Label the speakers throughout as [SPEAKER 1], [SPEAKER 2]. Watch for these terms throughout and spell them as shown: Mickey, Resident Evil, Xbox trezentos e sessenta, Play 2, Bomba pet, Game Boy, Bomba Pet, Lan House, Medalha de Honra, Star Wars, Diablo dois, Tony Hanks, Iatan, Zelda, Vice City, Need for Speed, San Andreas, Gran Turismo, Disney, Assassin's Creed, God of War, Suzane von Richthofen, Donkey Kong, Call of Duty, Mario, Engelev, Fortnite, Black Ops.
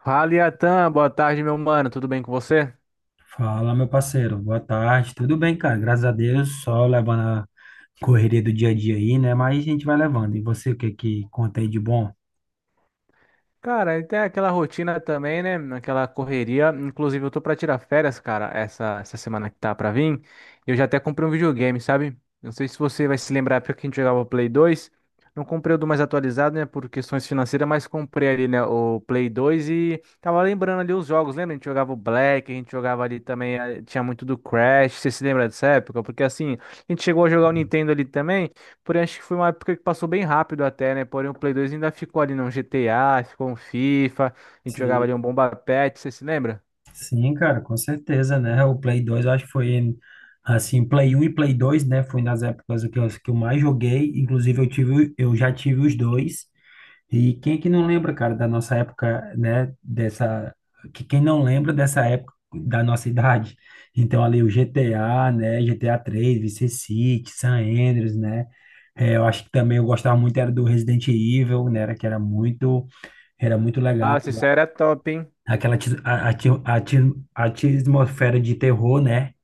[SPEAKER 1] Fala, Iatan, boa tarde, meu mano. Tudo bem com você?
[SPEAKER 2] Fala, meu parceiro. Boa tarde. Tudo bem, cara? Graças a Deus, só levando a correria do dia a dia aí, né? Mas a gente vai levando. E você, o que que conta aí de bom?
[SPEAKER 1] Cara, e tem aquela rotina também, né? Aquela correria. Inclusive, eu tô pra tirar férias, cara, essa semana que tá pra vir. Eu já até comprei um videogame, sabe? Não sei se você vai se lembrar, porque a gente jogava o Play 2. Não comprei o do mais atualizado, né? Por questões financeiras, mas comprei ali, né? O Play 2 e tava lembrando ali os jogos, lembra? A gente jogava o Black, a gente jogava ali também, tinha muito do Crash. Você se lembra dessa época? Porque assim, a gente chegou a jogar o Nintendo ali também. Porém, acho que foi uma época que passou bem rápido até, né? Porém, o Play 2 ainda ficou ali no GTA, ficou um FIFA, a gente jogava
[SPEAKER 2] Sim.
[SPEAKER 1] ali um Bomba pet, você se lembra?
[SPEAKER 2] Sim, cara, com certeza, né? O Play 2 eu acho que foi assim, Play um e Play 2 né? Foi nas épocas que eu mais joguei. Inclusive, eu tive, eu já tive os dois. E quem é que não lembra, cara, da nossa época, né? Dessa. Que quem não lembra dessa época da nossa idade? Então, ali o GTA, né? GTA 3, Vice City, San Andreas, né? É, eu acho que também eu gostava muito era do Resident Evil, né? Era muito legal.
[SPEAKER 1] Ah, isso era top, hein?
[SPEAKER 2] Aquela ati- a- ati- ati- Atmosfera de terror, né?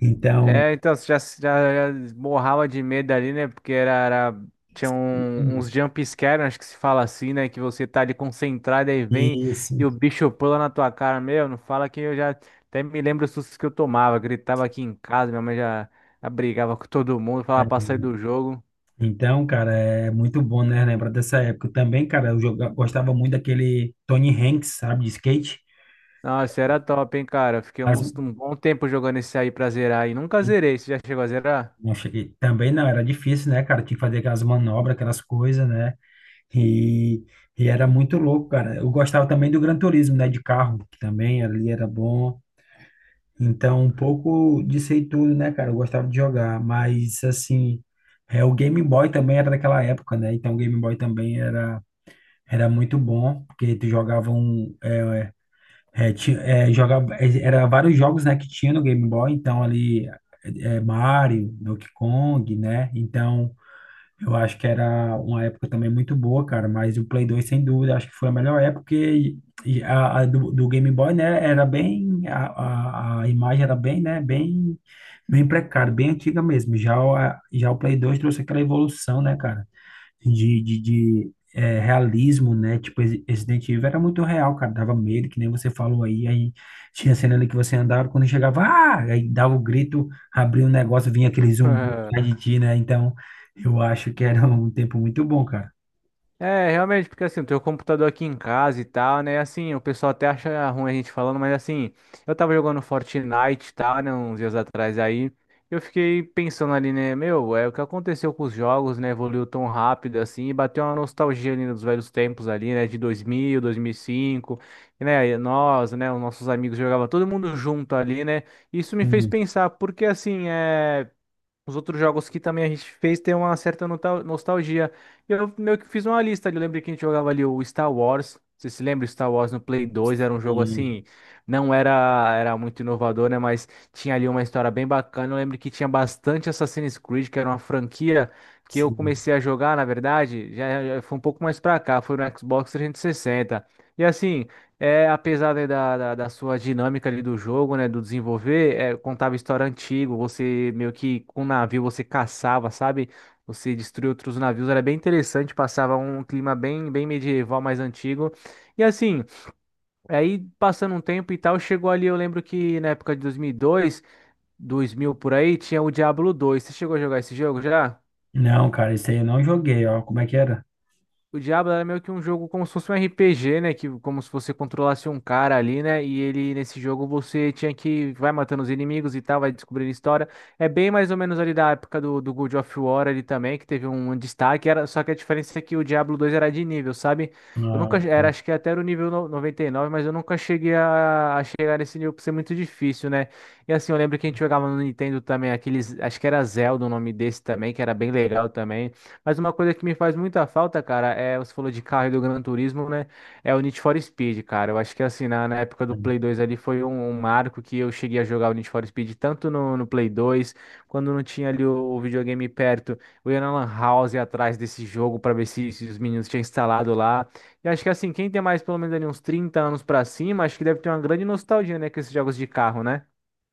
[SPEAKER 2] Então,
[SPEAKER 1] É, então, você já morrava de medo ali, né? Porque tinha uns jump scare, acho que se fala assim, né? Que você tá ali concentrado, aí vem
[SPEAKER 2] isso.
[SPEAKER 1] e o bicho pula na tua cara, meu, não fala que eu já até me lembro os sustos que eu tomava, gritava aqui em casa, minha mãe já, já brigava com todo mundo, falava pra sair do jogo.
[SPEAKER 2] Então, cara, é muito bom, né? Lembrar dessa época. Também, cara, gostava muito daquele Tony Hanks, sabe, de skate.
[SPEAKER 1] Nossa, era top, hein, cara. Eu fiquei um,
[SPEAKER 2] As-
[SPEAKER 1] um bom tempo jogando esse aí pra zerar e nunca zerei. Você já chegou a zerar?
[SPEAKER 2] Também não, era difícil, né, cara? Tinha que fazer aquelas manobras, aquelas coisas, né? E, e era muito louco, cara. Eu gostava também do Gran Turismo, né? De carro, que também ali era bom. Então, um pouco disso aí tudo, né, cara? Eu gostava de jogar, mas assim, é, o Game Boy também era daquela época, né? Então, o Game Boy também era. Era muito bom, porque tu jogava um. Jogava, é, era vários jogos, né, que tinha no Game Boy, então ali Mario, Donkey Kong, né? Então, eu acho que era uma época também muito boa, cara, mas o Play 2, sem dúvida, acho que foi a melhor época porque e a do Game Boy, né, era bem, a imagem era bem, né, bem, bem precária, bem antiga mesmo. Já, já o Play 2 trouxe aquela evolução, né, cara? De realismo, né? Tipo, Resident Evil era muito real, cara. Dava medo, que nem você falou aí. Aí tinha cena ali que você andava, quando chegava, ah! Aí dava o grito, abria um negócio, vinha aquele zumbi atrás de ti, né? Então, eu acho que era um tempo muito bom, cara.
[SPEAKER 1] É, realmente, porque assim, eu tenho o computador aqui em casa e tal, né? Assim, o pessoal até acha ruim a gente falando, mas assim, eu tava jogando Fortnite e tal, né? Uns dias atrás aí. Eu fiquei pensando ali, né? Meu, é o que aconteceu com os jogos, né? Evoluiu tão rápido assim, e bateu uma nostalgia ali dos velhos tempos ali, né? De 2000, 2005, né? Nós, né? Os nossos amigos jogavam todo mundo junto ali, né? Isso me fez
[SPEAKER 2] Sim,
[SPEAKER 1] pensar, porque assim, é. Os outros jogos que também a gente fez tem uma certa nostalgia. E eu meio que fiz uma lista ali. Eu lembro que a gente jogava ali o Star Wars. Você se lembra? O Star Wars no Play 2 era um jogo
[SPEAKER 2] sim,
[SPEAKER 1] assim, não era era muito inovador, né? Mas tinha ali uma história bem bacana. Eu lembro que tinha bastante Assassin's Creed, que era uma franquia que eu
[SPEAKER 2] sim.
[SPEAKER 1] comecei a jogar, na verdade, já foi um pouco mais pra cá, foi no Xbox 360. E assim, é, apesar, né, da sua dinâmica ali do jogo, né, do desenvolver, é, contava história antiga, você meio que com um navio você caçava, sabe? Você destruía outros navios, era bem interessante, passava um clima bem, bem medieval, mais antigo. E assim, aí passando um tempo e tal, chegou ali, eu lembro que na época de 2000 por aí, tinha o Diablo 2. Você chegou a jogar esse jogo já?
[SPEAKER 2] Não, cara, esse aí eu não joguei, ó. Como é que era?
[SPEAKER 1] O Diablo era meio que um jogo como se fosse um RPG, né? Que, como se você controlasse um cara ali, né? E ele, nesse jogo, você tinha que vai matando os inimigos e tal, vai descobrindo história. É bem mais ou menos ali da época do, do God of War ali também, que teve um destaque. Era, só que a diferença é que o Diablo 2 era de nível, sabe? Eu
[SPEAKER 2] Ah,
[SPEAKER 1] nunca, era,
[SPEAKER 2] bom.
[SPEAKER 1] acho que até era o nível 99, mas eu nunca cheguei a chegar nesse nível por ser muito difícil, né? E assim, eu lembro que a gente jogava no Nintendo também, aqueles, acho que era Zelda o nome desse também, que era bem legal também. Mas uma coisa que me faz muita falta, cara, é você falou de carro e do Gran Turismo, né? É o Need for Speed, cara. Eu acho que assim, na época do Play 2 ali foi um, um marco que eu cheguei a jogar o Need for Speed tanto no Play 2, quando não tinha ali o videogame perto, eu ia na Lan House atrás desse jogo pra ver se, se os meninos tinham instalado lá. E acho que assim, quem tem mais pelo menos ali uns 30 anos pra cima, acho que deve ter uma grande nostalgia, né, com esses jogos de carro, né?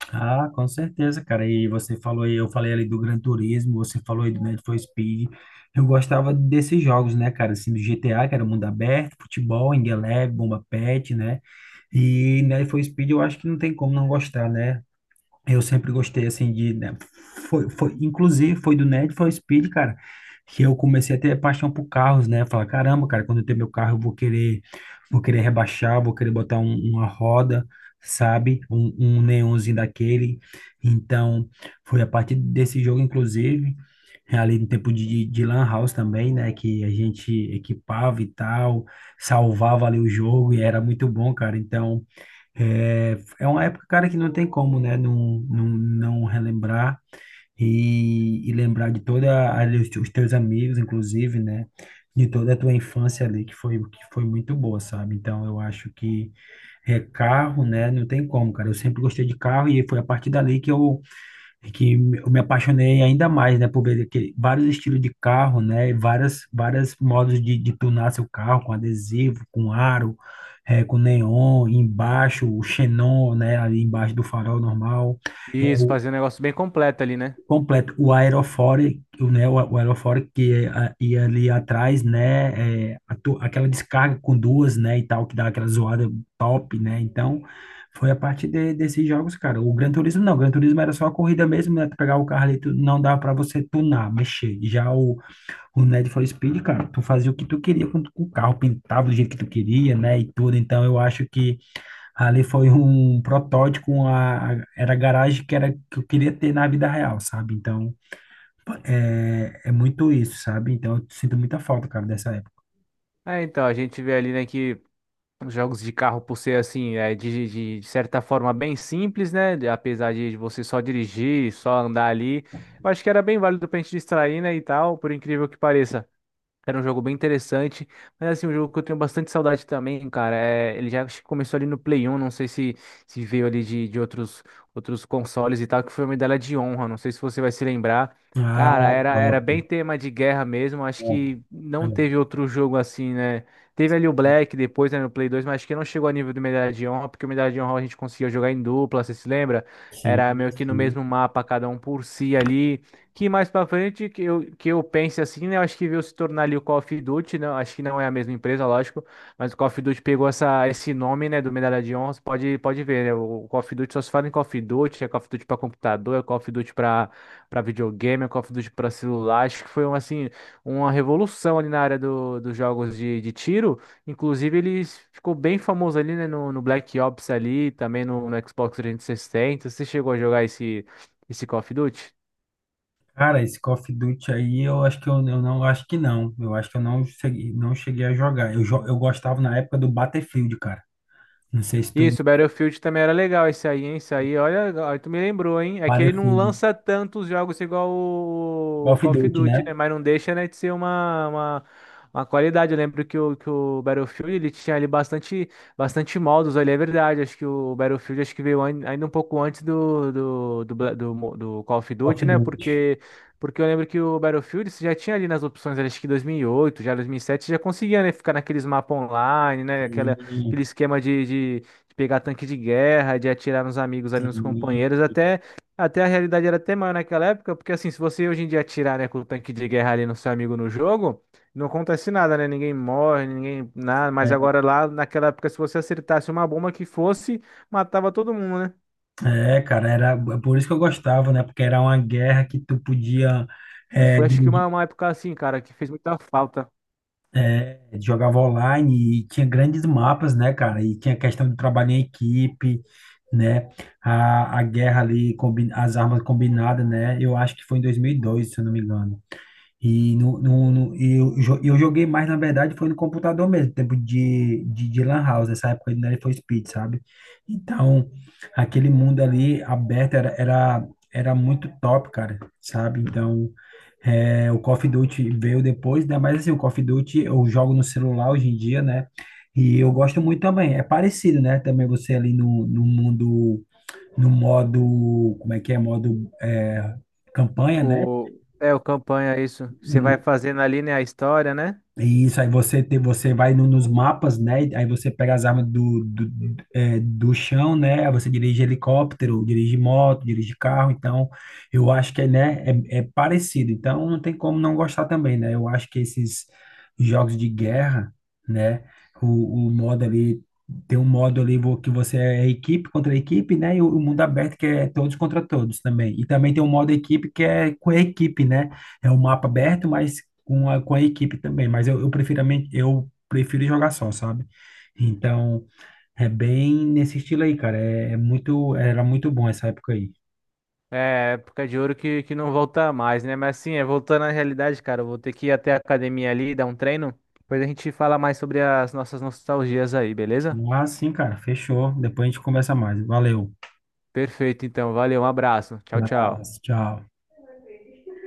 [SPEAKER 2] Ah, com certeza, cara. E você falou, aí, eu falei ali do Gran Turismo, você falou aí do Need for Speed. Eu gostava desses jogos, né, cara? Assim, do GTA, que era mundo aberto, futebol, Engelev, Bomba Pet, né? E Need for Speed eu acho que não tem como não gostar, né? Eu sempre gostei, assim, de... né, inclusive, foi do Need for Speed, cara, que eu comecei a ter paixão por carros, né? Falar, caramba, cara, quando eu ter meu carro, eu vou querer rebaixar, vou querer botar uma roda, sabe? Um neonzinho daquele. Então, foi a partir desse jogo, inclusive, ali no tempo de Lan House também, né? Que a gente equipava e tal, salvava ali o jogo e era muito bom, cara. Então... É, é uma época, cara, que não tem como, né, não relembrar e lembrar de toda ali os teus amigos, inclusive, né, de toda a tua infância ali, que foi muito boa, sabe? Então, eu acho que é carro, né, não tem como, cara. Eu sempre gostei de carro e foi a partir dali que eu é que eu me apaixonei ainda mais, né, por ver aquele, vários estilos de carro, né, e várias, várias modos de tunar seu carro, com adesivo, com aro, com neon, embaixo, o xenon, né, ali embaixo do farol normal,
[SPEAKER 1] Isso, fazer um negócio bem completo ali, né?
[SPEAKER 2] completo. O aerofólio, né, o aerofólio ia ali atrás, né, é, aquela descarga com duas, né, e tal, que dá aquela zoada top, né, então foi a partir desses jogos, cara. O Gran Turismo não, o Gran Turismo era só a corrida mesmo, né, tu pegar o carro ali, tu, não dava pra você tunar, mexer. Já o Need for Speed, cara, tu fazia o que tu queria com o carro, pintava do jeito que tu queria, né, e tudo, então eu acho que ali foi um protótipo, era a garagem que, era, que eu queria ter na vida real, sabe, então... É, é muito isso, sabe? Então eu sinto muita falta, cara, dessa época.
[SPEAKER 1] É, então, a gente vê ali, né, que os jogos de carro, por ser assim, é, de certa forma bem simples, né? Apesar de você só dirigir, só andar ali, eu acho que era bem válido pra gente distrair, né? E tal, por incrível que pareça. Era um jogo bem interessante, mas assim, um jogo que eu tenho bastante saudade também, cara. É, ele já acho que começou ali no Play 1, não sei se, se veio ali de outros, outros consoles e tal, que foi a Medalha de Honra, não sei se você vai se lembrar.
[SPEAKER 2] Ah,
[SPEAKER 1] Cara, era, era
[SPEAKER 2] top.
[SPEAKER 1] bem tema de guerra mesmo, acho
[SPEAKER 2] Top.
[SPEAKER 1] que
[SPEAKER 2] É,
[SPEAKER 1] não teve outro jogo assim, né? Teve ali o Black depois, né, no Play 2, mas acho que não chegou a nível do Medalha de Honra, porque o Medalha de Honra a gente conseguia jogar em dupla, você se lembra?
[SPEAKER 2] sim,
[SPEAKER 1] Era meio que no
[SPEAKER 2] sim.
[SPEAKER 1] mesmo mapa, cada um por si ali que mais pra frente que eu pense assim, né? Eu acho que veio se tornar ali o Call of Duty, né? Acho que não é a mesma empresa, lógico, mas o Call of Duty pegou essa, esse nome, né, do Medalha de Honra, você pode, pode ver, né? O Call of Duty só se fala em Call of Duty, é Call of Duty pra computador, é Call of Duty pra, pra videogame, é Call of Duty pra celular. Acho que foi um, assim, uma revolução ali na área do, dos jogos de tiro. Inclusive, ele ficou bem famoso ali, né, no, no Black Ops ali, também no, no Xbox 360. Você chegou a jogar esse, esse Call of Duty?
[SPEAKER 2] Cara, esse Call of Duty aí, eu acho que não. Eu acho que eu não cheguei, não cheguei a jogar. Eu gostava na época do Battlefield, cara. Não sei se tu.
[SPEAKER 1] Isso, Battlefield também era legal esse aí, hein? Esse aí, olha, olha, tu me lembrou, hein? É que ele não
[SPEAKER 2] Battlefield.
[SPEAKER 1] lança tantos jogos igual
[SPEAKER 2] Call
[SPEAKER 1] o
[SPEAKER 2] of
[SPEAKER 1] Call of
[SPEAKER 2] Duty,
[SPEAKER 1] Duty,
[SPEAKER 2] né?
[SPEAKER 1] né? Mas não deixa, né, de ser uma qualidade. Eu lembro que o Battlefield, ele tinha ali bastante, bastante modos, ali, é verdade. Acho que o Battlefield, acho que veio ainda um pouco antes do, do, do Call of
[SPEAKER 2] Call of
[SPEAKER 1] Duty, né?
[SPEAKER 2] Duty.
[SPEAKER 1] Porque... Porque eu lembro que o Battlefield você já tinha ali nas opções, acho que 2008, já 2007, você já conseguia, né, ficar naqueles mapas online, né, aquela,
[SPEAKER 2] Sim,
[SPEAKER 1] aquele esquema de pegar tanque de guerra, de atirar nos amigos ali, nos
[SPEAKER 2] sim.
[SPEAKER 1] companheiros, até, até a realidade era até maior naquela época, porque assim, se você hoje em dia atirar, né, com o tanque de guerra ali no seu amigo no jogo, não acontece nada, né? Ninguém morre, ninguém nada, mas agora lá naquela época, se você acertasse uma bomba que fosse, matava todo mundo, né?
[SPEAKER 2] É, cara, era é por isso que eu gostava, né? Porque era uma guerra que tu podia.
[SPEAKER 1] E
[SPEAKER 2] É,
[SPEAKER 1] foi acho que
[SPEAKER 2] dirigir.
[SPEAKER 1] uma época assim, cara, que fez muita falta.
[SPEAKER 2] É, jogava online e tinha grandes mapas, né, cara? E tinha questão de trabalho em equipe, né? A guerra ali, as armas combinadas, né? Eu acho que foi em 2002, se eu não me engano. Eu joguei mais, na verdade, foi no computador mesmo, tempo de Lan House, essa época ainda era foi Speed, sabe? Então, aquele mundo ali aberto era muito top, cara, sabe? Então, é, o Call of Duty veio depois, né? Mas assim, o Call of Duty eu jogo no celular hoje em dia, né? E eu gosto muito também, é parecido, né? Também você ali no mundo, no modo, como é que é? Modo é, campanha, né?
[SPEAKER 1] O, é, o campanha, isso. Você vai fazendo ali, né, a história, né?
[SPEAKER 2] E isso, aí você tem, você vai nos mapas, né? Aí você pega as armas é, do chão, né? Aí você dirige helicóptero, dirige moto, dirige carro. Então, eu acho que, é, né, é, é parecido. Então, não tem como não gostar também, né? Eu acho que esses jogos de guerra, né? O modo ali, tem um modo ali que você é equipe contra equipe, né? E o mundo aberto que é todos contra todos também. E também tem um modo equipe que é com a equipe, né? É um mapa aberto, mas com a equipe também, mas eu prefiro jogar só, sabe? Então, é bem nesse estilo aí, cara. É, é muito, era muito bom essa época aí.
[SPEAKER 1] É, época de ouro que não volta mais, né? Mas assim, é, voltando à realidade, cara, eu vou ter que ir até a academia ali, dar um treino. Depois a gente fala mais sobre as nossas nostalgias aí, beleza?
[SPEAKER 2] Mas sim, cara, fechou. Depois a gente conversa mais. Valeu.
[SPEAKER 1] Perfeito, então. Valeu, um abraço. Tchau, tchau.
[SPEAKER 2] Abraço, tchau.